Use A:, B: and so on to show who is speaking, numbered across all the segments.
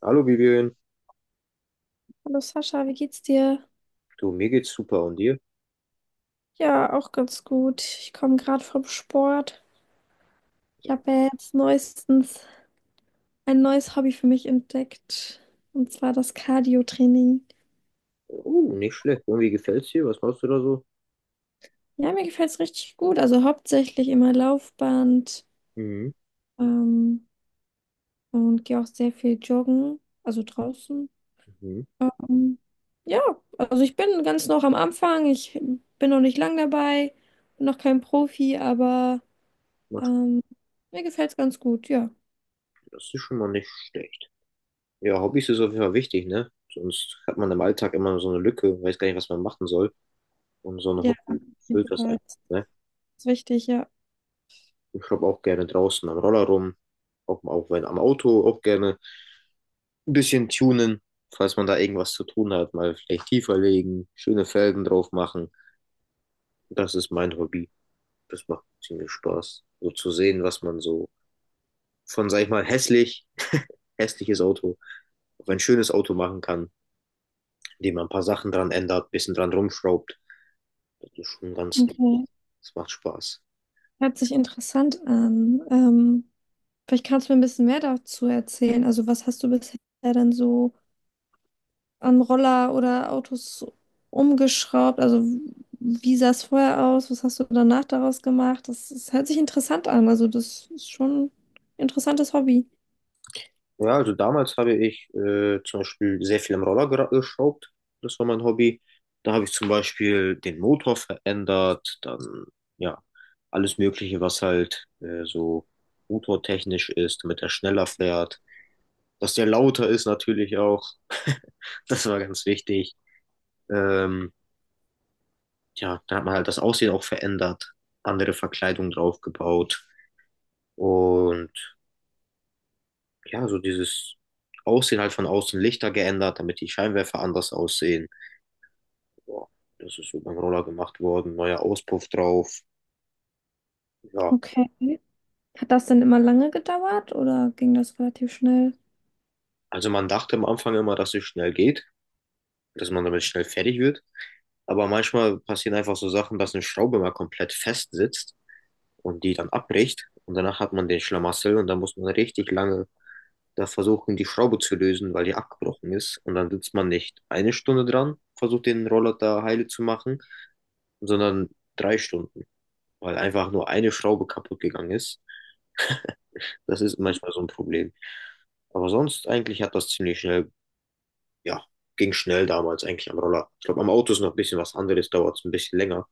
A: Hallo Vivian,
B: Hallo Sascha, wie geht's dir?
A: du, mir geht's super und dir?
B: Ja, auch ganz gut. Ich komme gerade vom Sport. Ich habe ja jetzt neuestens ein neues Hobby für mich entdeckt, und zwar das Cardio-Training.
A: Oh, nicht schlecht. Irgendwie gefällt's dir? Was machst du da so?
B: Ja, mir gefällt's richtig gut. Also hauptsächlich immer Laufband
A: Mhm,
B: ähm, und gehe auch sehr viel joggen, also draußen.
A: mhm.
B: Ähm, ja, also ich bin ganz noch am Anfang. Ich bin noch nicht lang dabei, bin noch kein Profi, aber
A: Mach-
B: ähm, mir gefällt's ganz gut, ja.
A: Das ist schon mal nicht schlecht. Ja, Hobbys ist auf jeden Fall wichtig, ne? Sonst hat man im Alltag immer so eine Lücke, weiß gar nicht, was man machen soll. Und so ein
B: Ja, auf
A: Hobby
B: jeden
A: füllt das ein,
B: Fall.
A: ne?
B: Ist wichtig, ja.
A: Ich schraub auch gerne draußen am Roller rum, auch wenn am Auto, auch gerne ein bisschen tunen, falls man da irgendwas zu tun hat, mal vielleicht tiefer legen, schöne Felgen drauf machen. Das ist mein Hobby. Das macht ziemlich Spaß, so zu sehen, was man so von, sag ich mal, hässliches Auto auf ein schönes Auto machen kann, indem man ein paar Sachen dran ändert, ein bisschen dran rumschraubt. Das ist schon ganz,
B: Okay.
A: das macht Spaß.
B: Hört sich interessant an. Vielleicht kannst du mir ein bisschen mehr dazu erzählen. Also, was hast du bisher denn so an Roller oder Autos umgeschraubt? Also, wie sah es vorher aus? Was hast du danach daraus gemacht? Das hört sich interessant an. Also, das ist schon ein interessantes Hobby.
A: Ja, also damals habe ich zum Beispiel sehr viel am Roller geschraubt. Das war mein Hobby. Da habe ich zum Beispiel den Motor verändert, dann ja, alles Mögliche, was halt so motortechnisch ist, damit er schneller fährt. Dass der lauter ist natürlich auch. Das war ganz wichtig. Ähm, ja, da hat man halt das Aussehen auch verändert, andere Verkleidung draufgebaut und ja, so dieses Aussehen halt von außen Lichter geändert, damit die Scheinwerfer anders aussehen. Ja, das ist so beim Roller gemacht worden, neuer Auspuff drauf. Ja,
B: Okay. Hat das denn immer lange gedauert oder ging das relativ schnell?
A: also man dachte am Anfang immer, dass es schnell geht, dass man damit schnell fertig wird. Aber manchmal passieren einfach so Sachen, dass eine Schraube mal komplett fest sitzt und die dann abbricht. Und danach hat man den Schlamassel und dann muss man richtig lange da versuchen, die Schraube zu lösen, weil die abgebrochen ist. Und dann sitzt man nicht eine Stunde dran, versucht den Roller da heile zu machen, sondern drei Stunden, weil einfach nur eine Schraube kaputt gegangen ist. Das ist manchmal so ein Problem. Aber sonst eigentlich hat das ziemlich schnell, ja, ging schnell damals eigentlich am Roller. Ich glaube, am Auto ist noch ein bisschen was anderes, dauert es ein bisschen länger.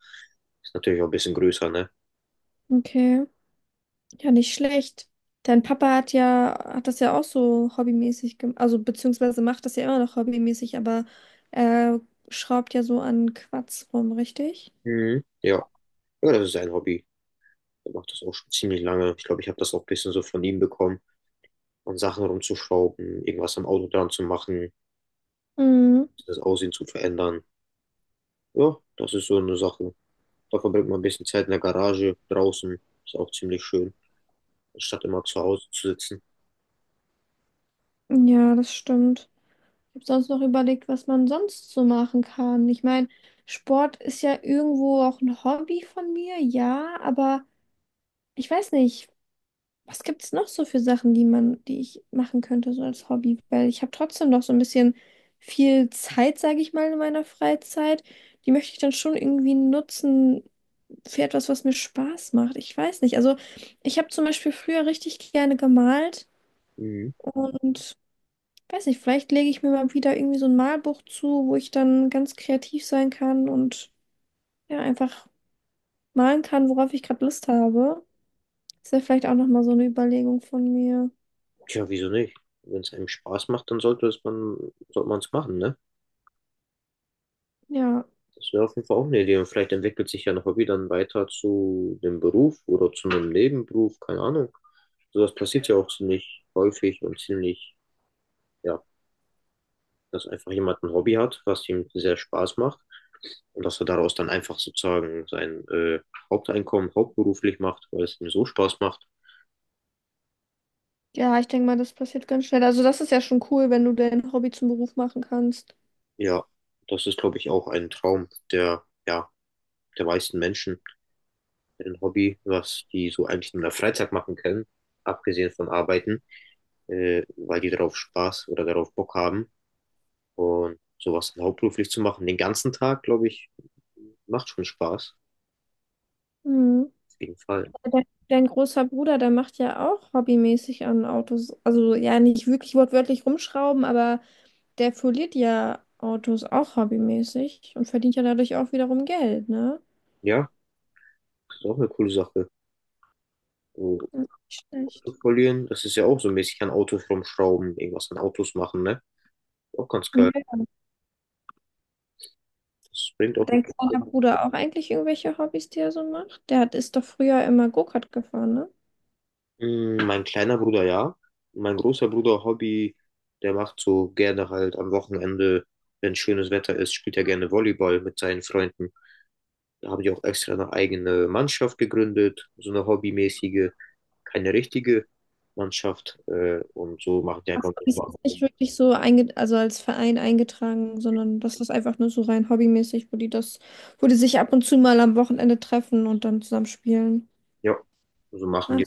A: Ist natürlich auch ein bisschen größer, ne?
B: Okay. Ja, nicht schlecht. Dein Papa hat ja, hat das ja auch so hobbymäßig gemacht, also beziehungsweise macht das ja immer noch hobbymäßig, aber er schraubt ja so an Quatsch rum, richtig?
A: Mhm. Ja. Ja, das ist ein Hobby. Er macht das auch schon ziemlich lange. Ich glaube, ich habe das auch ein bisschen so von ihm bekommen. An Sachen rumzuschrauben, irgendwas am Auto dran zu machen,
B: Mhm.
A: das Aussehen zu verändern. Ja, das ist so eine Sache. Da verbringt man ein bisschen Zeit in der Garage, draußen. Ist auch ziemlich schön, statt immer zu Hause zu sitzen.
B: Ja, das stimmt. Ich habe sonst noch überlegt, was man sonst so machen kann. Ich meine, Sport ist ja irgendwo auch ein Hobby von mir, ja, aber ich weiß nicht. Was gibt es noch so für Sachen, die ich machen könnte, so als Hobby? Weil ich habe trotzdem noch so ein bisschen viel Zeit, sage ich mal, in meiner Freizeit. Die möchte ich dann schon irgendwie nutzen für etwas, was mir Spaß macht. Ich weiß nicht. Also ich habe zum Beispiel früher richtig gerne gemalt
A: Mhm.
B: und weiß nicht, vielleicht lege ich mir mal wieder irgendwie so ein Malbuch zu, wo ich dann ganz kreativ sein kann und ja, einfach malen kann, worauf ich gerade Lust habe. Das wäre vielleicht auch nochmal so eine Überlegung von mir.
A: Tja, wieso nicht? Wenn es einem Spaß macht, dann sollte man es machen, ne?
B: Ja,
A: Das wäre auf jeden Fall auch eine Idee. Und vielleicht entwickelt sich ja noch Hobby dann weiter zu dem Beruf oder zu einem Nebenberuf, keine Ahnung. So was passiert ja auch ziemlich häufig und ziemlich, ja, dass einfach jemand ein Hobby hat, was ihm sehr Spaß macht und dass er daraus dann einfach sozusagen sein Haupteinkommen hauptberuflich macht, weil es ihm so Spaß macht.
B: ja, ich denke mal, das passiert ganz schnell. Also das ist ja schon cool, wenn du dein Hobby zum Beruf machen kannst.
A: Ja, das ist, glaube ich, auch ein Traum der, ja, der meisten Menschen, ein Hobby, was die so eigentlich nur in der Freizeit machen können, abgesehen von Arbeiten, weil die darauf Spaß oder darauf Bock haben. Und sowas dann hauptberuflich zu machen, den ganzen Tag, glaube ich, macht schon Spaß.
B: Mhm.
A: Auf jeden Fall.
B: Dein großer Bruder, der macht ja auch hobbymäßig an Autos, also ja nicht wirklich wortwörtlich rumschrauben, aber der foliert ja Autos auch hobbymäßig und verdient ja dadurch auch wiederum Geld, ne?
A: Ja, das ist auch eine coole Sache.
B: Ja, nicht schlecht.
A: Verlieren, das ist ja auch so mäßig an Autos rumschrauben, irgendwas an Autos machen, ne? Auch ganz geil.
B: Ja.
A: Das bringt
B: Hat
A: auch.
B: dein kleiner Bruder auch eigentlich irgendwelche Hobbys, die er so macht? Der hat, ist doch früher immer Go-Kart gefahren, ne?
A: Hm, mein kleiner Bruder, ja. Mein großer Bruder, Hobby, der macht so gerne halt am Wochenende, wenn schönes Wetter ist, spielt er gerne Volleyball mit seinen Freunden. Da habe ich auch extra eine eigene Mannschaft gegründet, so eine hobbymäßige, keine richtige Mannschaft. Und so machen die
B: Ach so,
A: einfach
B: die ist
A: manchmal.
B: jetzt nicht wirklich so einge also als Verein eingetragen, sondern das ist einfach nur so rein hobbymäßig, wo die sich ab und zu mal am Wochenende treffen und dann zusammen spielen.
A: Ja, so machen die.
B: Ach,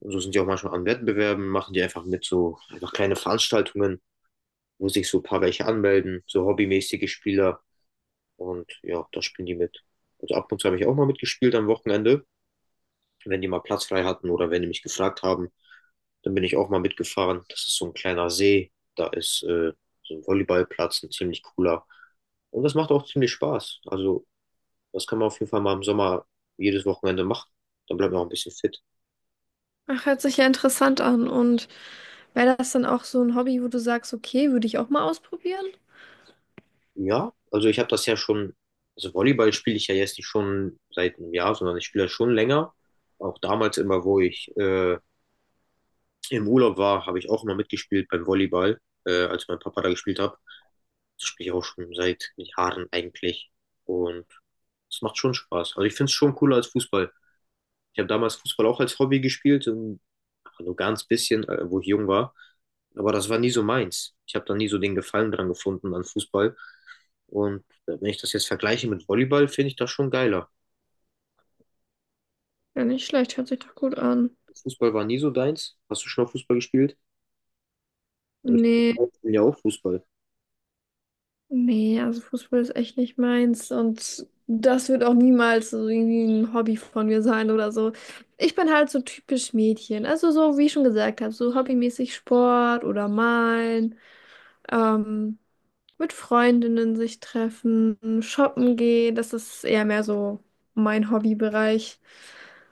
A: Und so sind die auch manchmal an Wettbewerben, machen die einfach mit so einfach kleine Veranstaltungen, wo sich so ein paar welche anmelden, so hobbymäßige Spieler. Und ja, da spielen die mit. Also ab und zu habe ich auch mal mitgespielt am Wochenende, wenn die mal Platz frei hatten oder wenn die mich gefragt haben, dann bin ich auch mal mitgefahren. Das ist so ein kleiner See, da ist so ein Volleyballplatz, ein ziemlich cooler. Und das macht auch ziemlich Spaß. Also das kann man auf jeden Fall mal im Sommer jedes Wochenende machen. Dann bleibt man auch ein bisschen fit.
B: ach, hört sich ja interessant an. Und wäre das dann auch so ein Hobby, wo du sagst, okay, würde ich auch mal ausprobieren?
A: Ja, also ich habe das ja schon, also Volleyball spiele ich ja jetzt nicht schon seit einem Jahr, sondern ich spiele das schon länger. Auch damals immer, wo ich im Urlaub war, habe ich auch immer mitgespielt beim Volleyball, als mein Papa da gespielt hat. Das spiele ich auch schon seit Jahren eigentlich. Und es macht schon Spaß. Also ich finde es schon cooler als Fußball. Ich habe damals Fußball auch als Hobby gespielt, nur ganz bisschen, wo ich jung war. Aber das war nie so meins. Ich habe da nie so den Gefallen dran gefunden an Fußball. Und wenn ich das jetzt vergleiche mit Volleyball, finde ich das schon geiler.
B: Ja, nicht schlecht, hört sich doch gut an.
A: Fußball war nie so deins. Hast du schon mal Fußball gespielt? Weil
B: Nee.
A: ich bin ja auch Fußball.
B: Nee, also Fußball ist echt nicht meins und das wird auch niemals so irgendwie ein Hobby von mir sein oder so. Ich bin halt so typisch Mädchen. Also so, wie ich schon gesagt habe, so hobbymäßig Sport oder malen, ähm, mit Freundinnen sich treffen, shoppen gehen. Das ist eher mehr so mein Hobbybereich.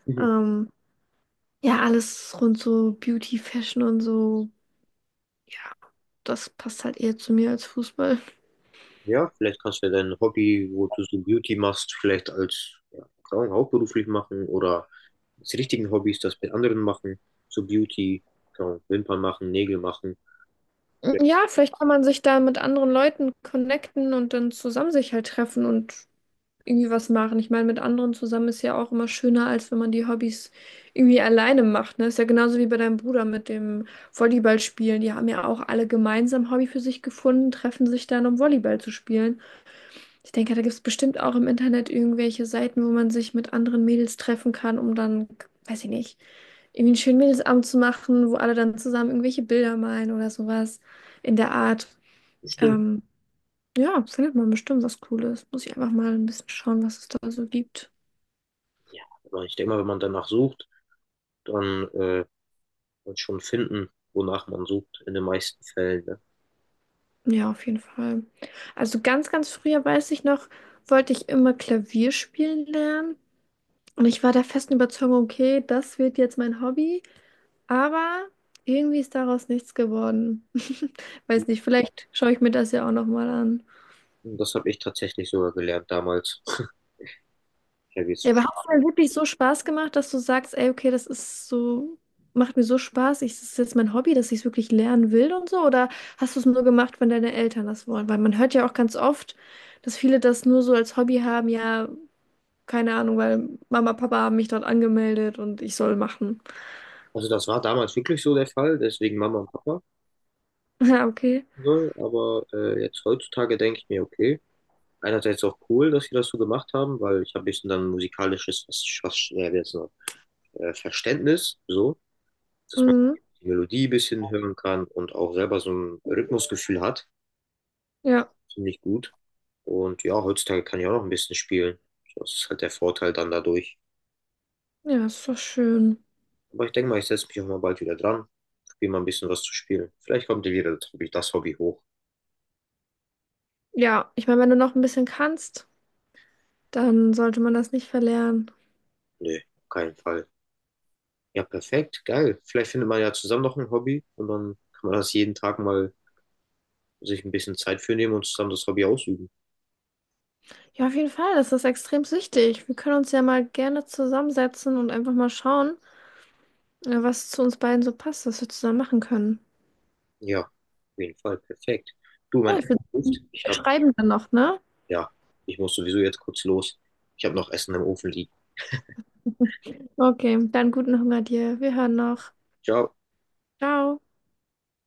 B: Ähm, ja, alles rund so Beauty, Fashion und so. Das passt halt eher zu mir als Fußball.
A: Ja, vielleicht kannst du ja dein Hobby, wo du so Beauty machst, vielleicht als, ja, keine Ahnung, hauptberuflich machen oder als richtigen Hobbys das mit anderen machen. So Beauty, keine Ahnung, Wimpern machen, Nägel machen. Ja,
B: Ja, vielleicht kann man sich da mit anderen Leuten connecten und dann zusammen sich halt treffen und irgendwie was machen. Ich meine, mit anderen zusammen ist ja auch immer schöner, als wenn man die Hobbys irgendwie alleine macht. Ne? Ist ja genauso wie bei deinem Bruder mit dem Volleyballspielen. Die haben ja auch alle gemeinsam Hobby für sich gefunden, treffen sich dann, um Volleyball zu spielen. Ich denke, da gibt es bestimmt auch im Internet irgendwelche Seiten, wo man sich mit anderen Mädels treffen kann, um dann, weiß ich nicht, irgendwie einen schönen Mädelsabend zu machen, wo alle dann zusammen irgendwelche Bilder malen oder sowas in der Art.
A: bestimmt.
B: Ähm, ja, findet man bestimmt was Cooles. Muss ich einfach mal ein bisschen schauen, was es da so gibt.
A: Ja, aber ich denke mal, wenn man danach sucht, dann wird schon finden, wonach man sucht, in den meisten Fällen. Ne?
B: Ja, auf jeden Fall. Also ganz früher weiß ich noch, wollte ich immer Klavier spielen lernen. Und ich war der festen Überzeugung, okay, das wird jetzt mein Hobby. Aber irgendwie ist daraus nichts geworden. Weiß nicht, vielleicht schaue ich mir das ja auch nochmal an.
A: Und das habe ich tatsächlich sogar gelernt damals. Ja, wie es-
B: Ja, aber hat es denn wirklich so Spaß gemacht, dass du sagst, ey, okay, das ist so, macht mir so Spaß, das ist jetzt mein Hobby, dass ich es wirklich lernen will und so? Oder hast du es nur gemacht, wenn deine Eltern das wollen? Weil man hört ja auch ganz oft, dass viele das nur so als Hobby haben, ja, keine Ahnung, weil Mama, Papa haben mich dort angemeldet und ich soll machen.
A: Also das war damals wirklich so der Fall, deswegen Mama und Papa.
B: Ja, okay.
A: Ne? Aber jetzt heutzutage denke ich mir, okay, einerseits auch cool, dass sie das so gemacht haben, weil ich habe ein bisschen dann musikalisches was, was, wie jetzt noch, Verständnis, so, dass man
B: Mhm.
A: die Melodie ein bisschen hören kann und auch selber so ein Rhythmusgefühl hat.
B: Ja,
A: Finde ich gut. Und ja, heutzutage kann ich auch noch ein bisschen spielen. Das ist halt der Vorteil dann dadurch.
B: ja, ist doch schön.
A: Aber ich denke mal, ich setze mich auch mal bald wieder dran, probiere mal ein bisschen was zu spielen. Vielleicht kommt dir wieder das Hobby hoch.
B: Ja, ich meine, wenn du noch ein bisschen kannst. Dann sollte man das nicht verlernen.
A: Nee, auf keinen Fall. Ja, perfekt, geil. Vielleicht findet man ja zusammen noch ein Hobby und dann kann man das jeden Tag mal sich ein bisschen Zeit für nehmen und zusammen das Hobby ausüben.
B: Ja, auf jeden Fall, das ist extrem wichtig. Wir können uns ja mal gerne zusammensetzen und einfach mal schauen, was zu uns beiden so passt, was wir zusammen machen können.
A: Ja, auf jeden Fall, perfekt. Du, mein
B: Ja, ich würde
A: Essen ruft.
B: wir schreiben dann noch, ne?
A: Ja, ich muss sowieso jetzt kurz los. Ich habe noch Essen im Ofen liegen.
B: Okay, dann guten Hunger dir. Wir hören noch.
A: Ciao.
B: Ciao.